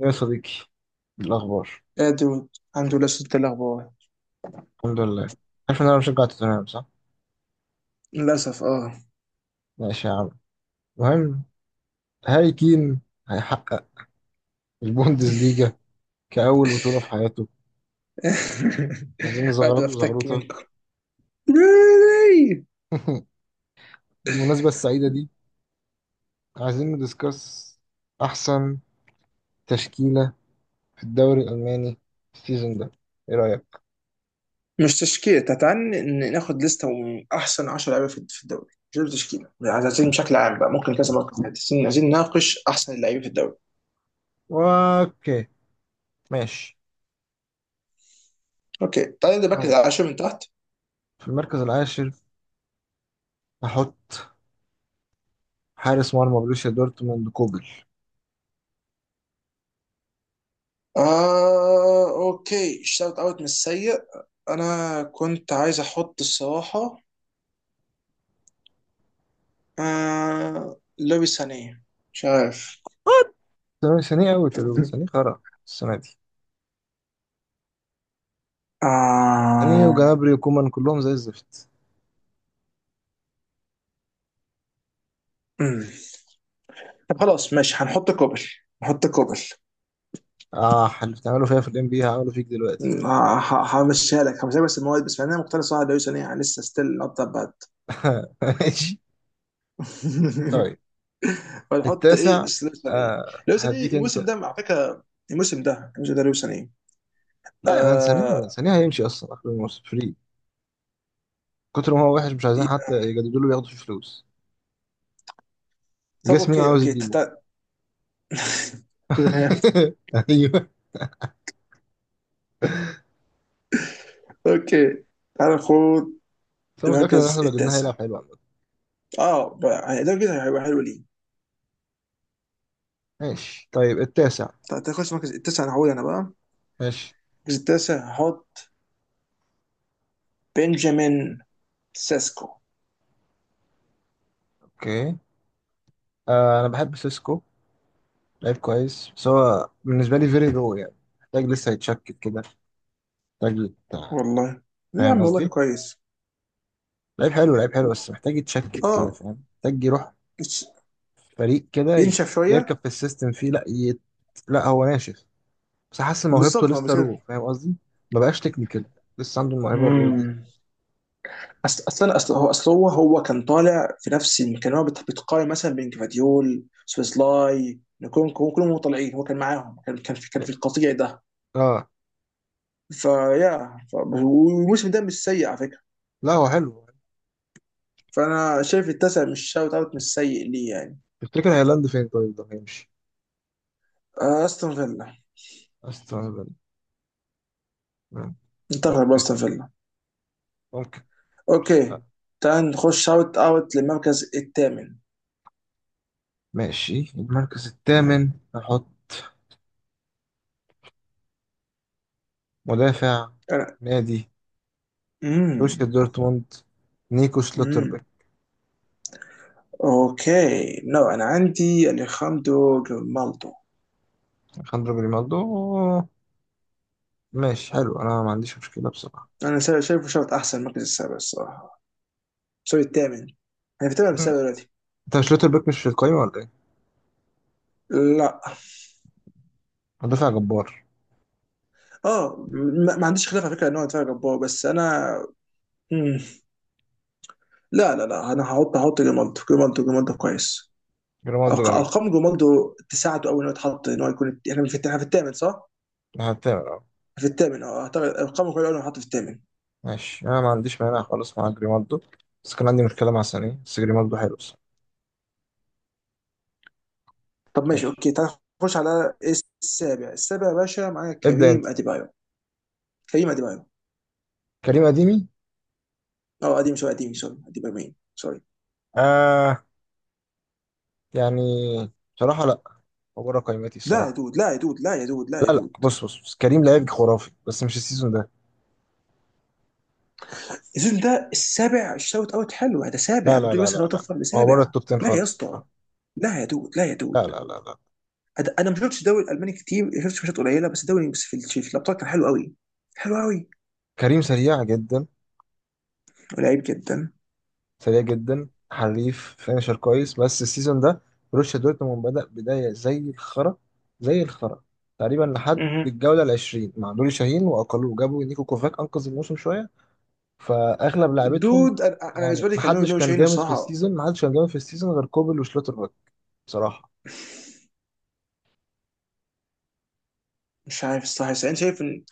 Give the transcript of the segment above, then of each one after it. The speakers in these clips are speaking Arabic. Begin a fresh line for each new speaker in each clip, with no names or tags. يا صديقي، الأخبار.
يا دود، الحمد لله صدت الأخبار.
الحمد لله. عارف إن أنا بشجع توتنهام صح؟
للأسف اه.
ماشي يا عم. المهم، هاري كين هيحقق البوندسليجا كأول بطولة في حياته. عايزين
قاعد
نزغرط له
أفتك
زغروطة.
منكم. ليه؟
بالمناسبة السعيدة دي، عايزين ندسكس أحسن تشكيلة في الدوري الألماني السيزون ده. إيه رأيك؟
مش تشكيلة، تعال ناخد لستة من أحسن 10 لعيبة في الدوري. مش لازم تشكيلة يعني، عايزين بشكل عام بقى، ممكن كذا مرة كمان. عايزين نناقش أحسن اللعيبة في الدوري.
أوكي، ماشي.
أوكي، تعال نبدا
أهو.
بقى، على شوف من تحت.
في المركز العاشر هحط حارس مرمى بروسيا دورتموند كوبل.
آه أوكي، شوت أوت من السيء. أنا كنت عايز أحط الصراحة آه لويس سانيه، مش عارف.
ثانية أوي، تلوت ثانية خرا السنة دي يعني،
آه.
وجنابري وكومان كلهم زي الزفت.
مم. طب خلاص ماشي، هنحط كوبل. نحط كوبل.
اه، اللي بتعملوا فيها في الام بي هعمله فيك دلوقتي.
همشيها لك، همشيها، بس المواد بس، انا مقتنع صراحه لو يعني لسه ستيل نوت ذات باد.
ماشي، طيب
فنحط
التاسع.
ايه؟ سلوسن ايه؟ لوسن ايه
هديك انت.
الموسم ده على فكره؟ الموسم ده لوسن ايه؟
لا يا مان، ثانية
آه.
ثانية هيمشي اصلا اخر الموسم فري. كتر ما هو وحش، مش عايزين حتى يجددوا له ياخدوا فيه فلوس.
طب
جاس مين
اوكي
عاوز
اوكي
يجيبه؟ ايوه،
اوكي، تعال ناخد
بس انا متاكد ان
المركز
احنا لو جبناه
التاسع.
هيلعب حلو عامة.
اه بقى يعني، ده كده هيبقى حلو ليه.
ماشي طيب التاسع.
طب تاخد المركز التاسع، انا هقول انا بقى.
ماشي،
المركز التاسع هحط بنجامين سيسكو.
اوكي. انا بحب سيسكو. لعيب كويس، بس هو بالنسبه لي فيري رو يعني، محتاج لسه يتشكل كده. محتاج
والله ليه يا
فاهم
عم، والله
قصدي؟
كويس.
لعيب حلو، لعيب حلو، بس محتاج يتشكل كده،
اه،
فاهم؟ محتاج يروح
يتش-
فريق كده
ينشف
يركب
شويه.
في السيستم فيه، لا، هو ناشف، بس حاسس إن موهبته
بالظبط، ما بس
لسه رو،
كده.
فاهم قصدي؟ ما بقاش تكنيكال، لسه عنده الموهبه الرو دي.
امم، اصل اصل اصل هو اصل هو هو كان طالع في كان هو بتقارن مثلا بين كفاديول سويسلاي نكونكو، كلهم طالعين، هو كان معاهم، كان في كان في القطيع ده.
اه.
والموسم ده مش سيء على فكره.
لا، هو حلو.
فانا شايف التاسع، مش شاوت اوت مش سيء ليه يعني.
تفتكر هيلاند فين طيب؟ ده هيمشي
آه، استون فيلا،
استون فيلا. مم.
انتقل
اوكي،
باستون فيلا.
ممكن. بس-
اوكي،
آه.
تعال نخش شاوت اوت للمركز الثامن.
ماشي، المركز الثامن نحط مدافع
انا.
نادي بروسيا
مم.
دورتموند، نيكو شلوتربيك.
امم، اوكي نو، انا عندي اليخاندرو جريمالدو.
خاندرو جريمالدو؟ ماشي حلو، انا ما عنديش مشكله بصراحه.
انا شايفه شوط احسن المركز السابع الصراحه. سوري الثامن، انا في الثامن
مم.
السابع دلوقتي.
انت مش لوتر بيك مش في القايمه ولا ايه؟
لا.
مدافع جبار.
اه، ما عنديش خلاف على فكره ان هو دفاع جبار، بس انا. مم. لا انا هحط جريمالدو. جريمالدو كويس.
جريمالدو جميل.
ارقام جريمالدو تساعده قوي ان هو يتحط، ان هو يكون، احنا في إحنا في الثامن صح؟
هتعمل اه.
في الثامن، اه اعتقد ارقامه كويسه قوي انه يتحط في الثامن.
ماشي، انا ما عنديش مانع خالص مع جريمالدو، بس كان عندي مشكله مع سانيه، بس جريمالدو حلو بصراحه.
طب ماشي
ماشي.
اوكي، تعال نخش على السابع. السابع يا باشا معانا
ابدا انت.
كريم اديبايو. كريم اديبايو.
كريم اديمي؟
اه قديم شويه، قديم سوري، قديم يومين سوري.
آه يعني، بصراحه لا، هو بره قايمتي
لا يا
الصراحه.
دود لا يا دود لا يا دود لا يا
لا لا،
دود.
بص بص، بص. كريم لعيب خرافي، بس مش السيزون ده.
السيزون ده السابع، الشوت اوت حلو هذا
لا
سابع، ما
لا
تقولي
لا
مثلا هو
لا لا،
طفل
هو بره
لسابع.
التوب 10
لا يا
خالص
اسطى،
الصراحة.
لا يا دود لا يا
لا
دود
لا لا لا.
انا ما شفتش الدوري الالماني كتير، شفت ماتشات قليله بس الدوري، بس في في الابطال كان حلو قوي. حلو قوي
كريم سريع جدا.
ولعيب جدا.
سريع جدا، حريف، فينشر كويس، بس السيزون ده بروسيا دورتموند بدأ بداية زي الخرا، زي الخرا تقريبا لحد
مهم.
الجولة العشرين مع نوري شاهين، وأقلوه جابوا نيكو كوفاك أنقذ الموسم شوية. فأغلب لعيبتهم
دود، أنا
يعني،
بالنسبه لي كان نو
محدش
نو
كان
شاهين
جامد في
الصراحه.
السيزون، محدش كان جامد في السيزون غير كوبل وشلوتر باك بصراحة.
مش عارف الصراحه، بس انا شايف ان،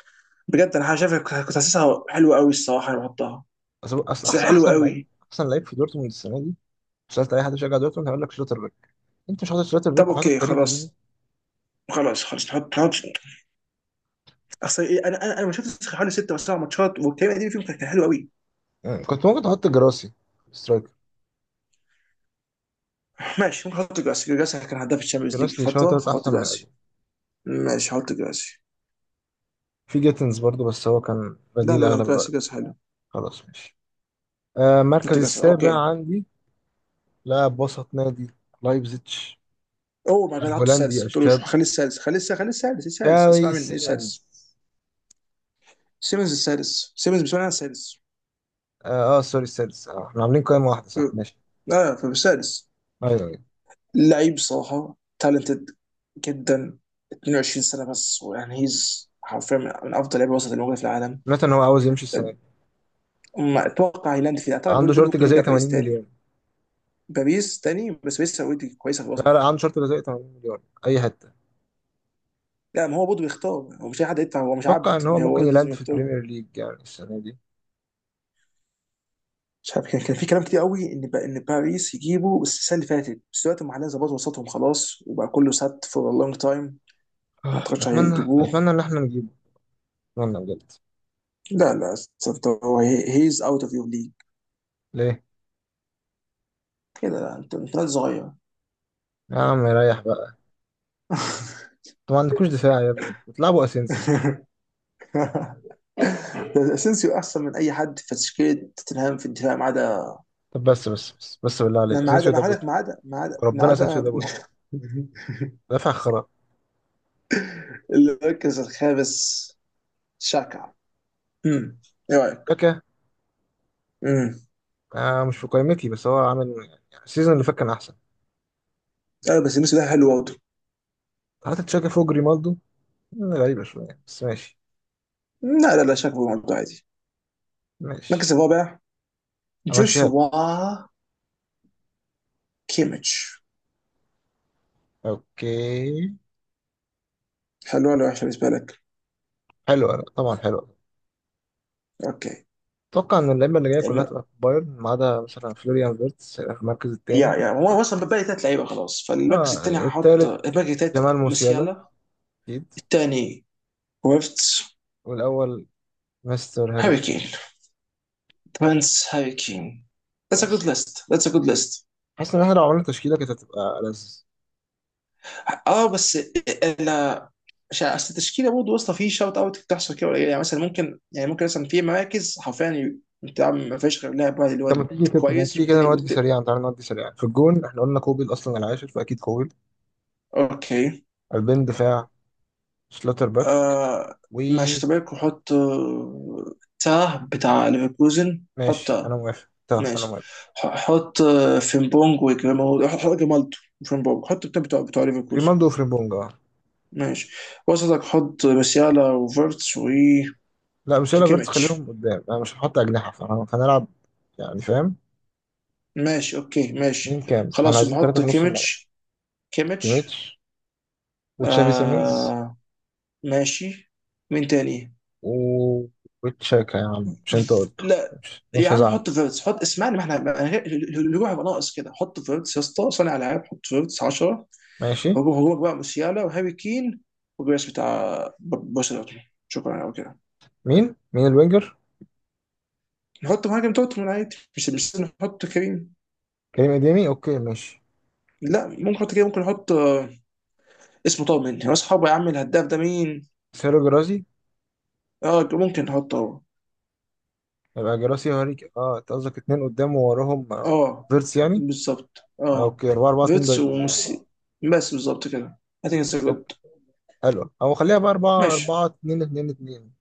بجد انا شايف كنت حاسسها حلوه قوي الصراحه، انا بحطها.
بس أصل
بس
أحسن
حلوه
أحسن لعيب
قوي.
أحسن لعيب في دورتموند السنة دي، سألت أي حد بيشجع دورتموند هيقول لك شلوتر باك. أنت مش حاطط شلوتر
طب
باك وحاطط
اوكي
كريم أديمي!
خلاص نحط. اصل ايه، انا ما شفتش حوالي ست او سبع ماتشات، والكلام القديم فيهم، كان حلو قوي.
يعني كنت ممكن تحط جراسي، سترايكر.
ماشي، ممكن احط جراسي. جراسي كان هداف الشامبيونز ليج في
جراسي شوية
فتره،
تلات
فاحط
أحسن من
جراسي.
أديمي.
ماشي، هحط جراسي.
في جيتنز برضو، بس هو كان
لا
بديل
لا لا
اغلب
جراسي،
الوقت.
جراسي حلو.
خلاص، ماشي. آه،
احط
المركز
جراسي، اوكي.
السابع عندي لاعب وسط نادي لايبزيتش،
اوه ما جاد، حطه السادس،
الهولندي
ما تقولوش،
الشاب
خليه السادس إيه السادس، اسمع
تشافي
مني ايه
سيمنز.
السادس. سيمنز السادس، سيمنز بالنسبه لي انا السادس.
اه، آه سوري، السادس. آه، احنا عاملين قائمة واحدة صح؟ ماشي.
اه، فالسادس
ايوه ايوه.
لعيب صراحه تالنتد جدا، 22 سنه بس، ويعني هيز حرفيا من افضل لعيبه وسط الموجوده في العالم.
سمعت ان هو عاوز يمشي السنة دي،
ما اتوقع هيلاند فيه، اعتقد بيقول
عنده
بيقول
شرط
ممكن يرجع
جزائي
باريس
80
تاني.
مليون.
باريس تاني، بس باريس اوريدي كويسه في
لا لا،
الوسط.
عنده شرط جزائي 80 مليون، اي حتة.
لا، ما هو برضه بيختار، هو مش اي حد يدفع، هو مش عبد.
اتوقع ان هو
هو
ممكن
لازم
يلاند في
يختار.
البريمير ليج يعني السنة دي.
مش عارف، كان في كلام كتير قوي ان ان باريس يجيبوا بس السنه اللي فاتت، بس دلوقتي هم حاليا ظبطوا وسطهم خلاص، وبقى كله سات فور لونج تايم. ما
آه،
اعتقدش
اتمنى،
هيجيبوه.
اتمنى ان احنا نجيبه. اتمنى بجد.
لا لا، انت، هو هيز اوت اوف يور ليج
ليه؟
كده. لا انت، انت راجل صغير.
يا عم ريح بقى، انتوا ما عندكوش دفاع يا ابني، بتلعبوا اسينسيو.
اسينسيو احسن من اي حد في تشكيله توتنهام في الدفاع، ما عدا،
طب بس بالله عليك،
ما عدا
اسينسيو
ما
ده بود.
عدا ما عدا ما عدا ما
ربنا، اسينسيو
عدا.
ده بود. دافع خرا.
المركز الخامس شاكا، امم، ايه رايك؟
تشاكا؟
امم.
مش في قائمتي، بس هو عامل يعني، السيزون اللي فات كان احسن.
لا، بس الموسم ده حلو برضه.
حتى تشاكا فوق ريمالدو؟ غريبة شوية، بس ماشي.
لا شاكا برضه عادي. المركز
ماشي،
الرابع
همشيها لك.
جوشوا كيميتش.
اوكي.
حلو ولا وحش بالنسبه لك؟
حلوة؟ لا، طبعا حلوة.
اوكي.
اتوقع ان اللعيبة اللي جاية كلها
الم...
تبقى في بايرن، ما عدا مثلا فلوريان فيرتس هيبقى في المركز
يا
التاني.
يا
اه.
هو اصلا بقى لي ثلاث لعيبه خلاص، فالمركز
آه،
الثاني هحط
التالت
الباقي ثلاث.
جمال موسيالا،
موسيالا
اكيد.
الثاني، ويفتس.
والاول، مستر هاري
هاري كين،
كين.
برنس هاري كين. That's a good
بس
list. That's a good list.
حاسس ان احنا لو عملنا تشكيلة كانت هتبقى ألذ.
اه بس انا مش عارف- اصل التشكيله برضه واسطه في شوت اوت، بتحصل كده قليل يعني، مثلا ممكن، يعني ممكن مثلا في مراكز حرفيا انت ما فيش غير لاعب واحد اللي هو
طب ما تيجي كده، ما
كويس،
تيجي كده
والتاني
نودي سريعا، تعالى نودي سريعا. في الجون احنا قلنا كوبيل اصلا العاشر، فاكيد كوبيل.
اوكي.
قلبين دفاع، شلاتر باك
آه ماشي،
وماشي.
طب لك حط آه، تاه بتاع ليفركوزن، حط
انا
تاه.
موافق، طب انا
ماشي.
موافق.
حط آه، فيمبونج وجمال، حط جمالتو وفيمبونج، حط بتاع بتاع ليفركوزن.
ريمالدو وفريمبونجا.
ماشي. وسطك حط مسيالا وفيرتس
لا مش هيلا فيرتس،
وكيكيميتش.
خليهم قدام، انا مش هحط اجنحه، فانا فهنلعب يعني، فاهم؟
ماشي اوكي
مين
ماشي.
كام بس احنا
خلاص
عايزين
يبقى
ثلاثه
حط
في نص الملعب
كيميتش. كيميتش.
كيميتش وتشافي سيمنز
آه ماشي. مين تاني؟
و وتشاكا يا عم مش انت قلته
لا
مش,
يا
مش
عم،
هزعل
حط فيرتس، حط اسمعني، ما احنا الهجوم هيبقى ناقص كده، حط فيرتس يا اسطى، صانع العاب، حط فيرتس 10.
ماشي
هجوم، هجومك بقى موسيالا وهاري كين وجريس بتاع بوسيا دورتموند، شكرا قوي كده.
مين الوينجر؟
نحط مهاجم دورتموند عادي، مش لازم نحط كريم.
كريم اديمي. اوكي، ماشي.
لا ممكن نحط كريم، ممكن نحط آه، اسمه طاب مني، هو اصحابه يا عم الهداف ده مين؟
سيرو جرازي.
اه ممكن نحطه هو.
يبقى جراسي وهاريك. اه، انت قصدك اتنين قدام ووراهم آه،
اه،
فيرتس يعني.
بالظبط
آه،
اه.
اوكي، 4 4 2
فيتس
دايموند يعني.
وميسي، بس بالظبط كده. I think it's a
اوكي،
good.
حلوه. او خليها بقى 4
ماشي.
4 2 2 2.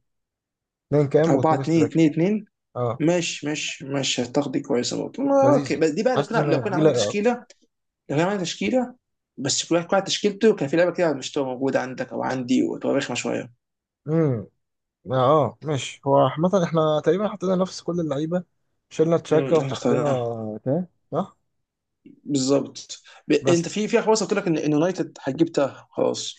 2 كام
4
و2
2
سترايك.
2 2.
اه،
ماشي هتاخدي كويسه برضه، اوكي.
لذيذه.
بس دي بقى لو
حاسس
كنا لو
ان
كنا
دي
عملنا
لايقه
تشكيله.
اكتر.
لو كنا عملنا تشكيله بس، كل واحد تشكيلته كان في لعبه كده، مش تبقى موجوده عندك او عندي، وتبقى رخمه شويه.
امم اه، آه، ماشي. هو عامه احنا تقريبا حطينا نفس كل اللعيبه، شلنا
امم،
تشاكا
احنا
وحطينا
اخترناها.
تاه صح.
بالظبط. انت
بس
في خلاص، قلت لك إن يونايتد هتجيب تاه خلاص،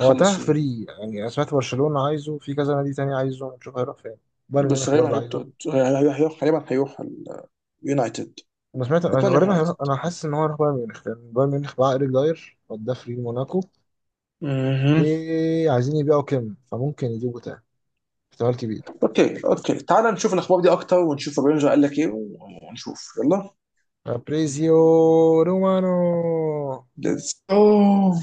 هو تاه
فيه.
فري يعني، أنا سمعت برشلونه عايزه، في كذا نادي تاني عايزه، نشوف هيروح فين. بايرن
بس
ميونخ
غالبا
برضه
هيروح
عايزه.
تود- هيروح هيروح- غالبا يونايتد.
انا سمعت،
اتمنى
غالبا
يونايتد.
هيروح. انا حاسس ان هو هيروح بايرن ميونخ، لان بايرن ميونخ باع ايريك داير وداه فري موناكو،
مهم.
وعايزين يبيعوا كيم، فممكن يجيبوا تاني. احتمال كبير.
اوكي اوكي، تعال نشوف الاخبار دي اكتر، ونشوف الرينجر قال لك ايه، ونشوف. يلا،
فابريزيو رومانو.
ليتس اوه.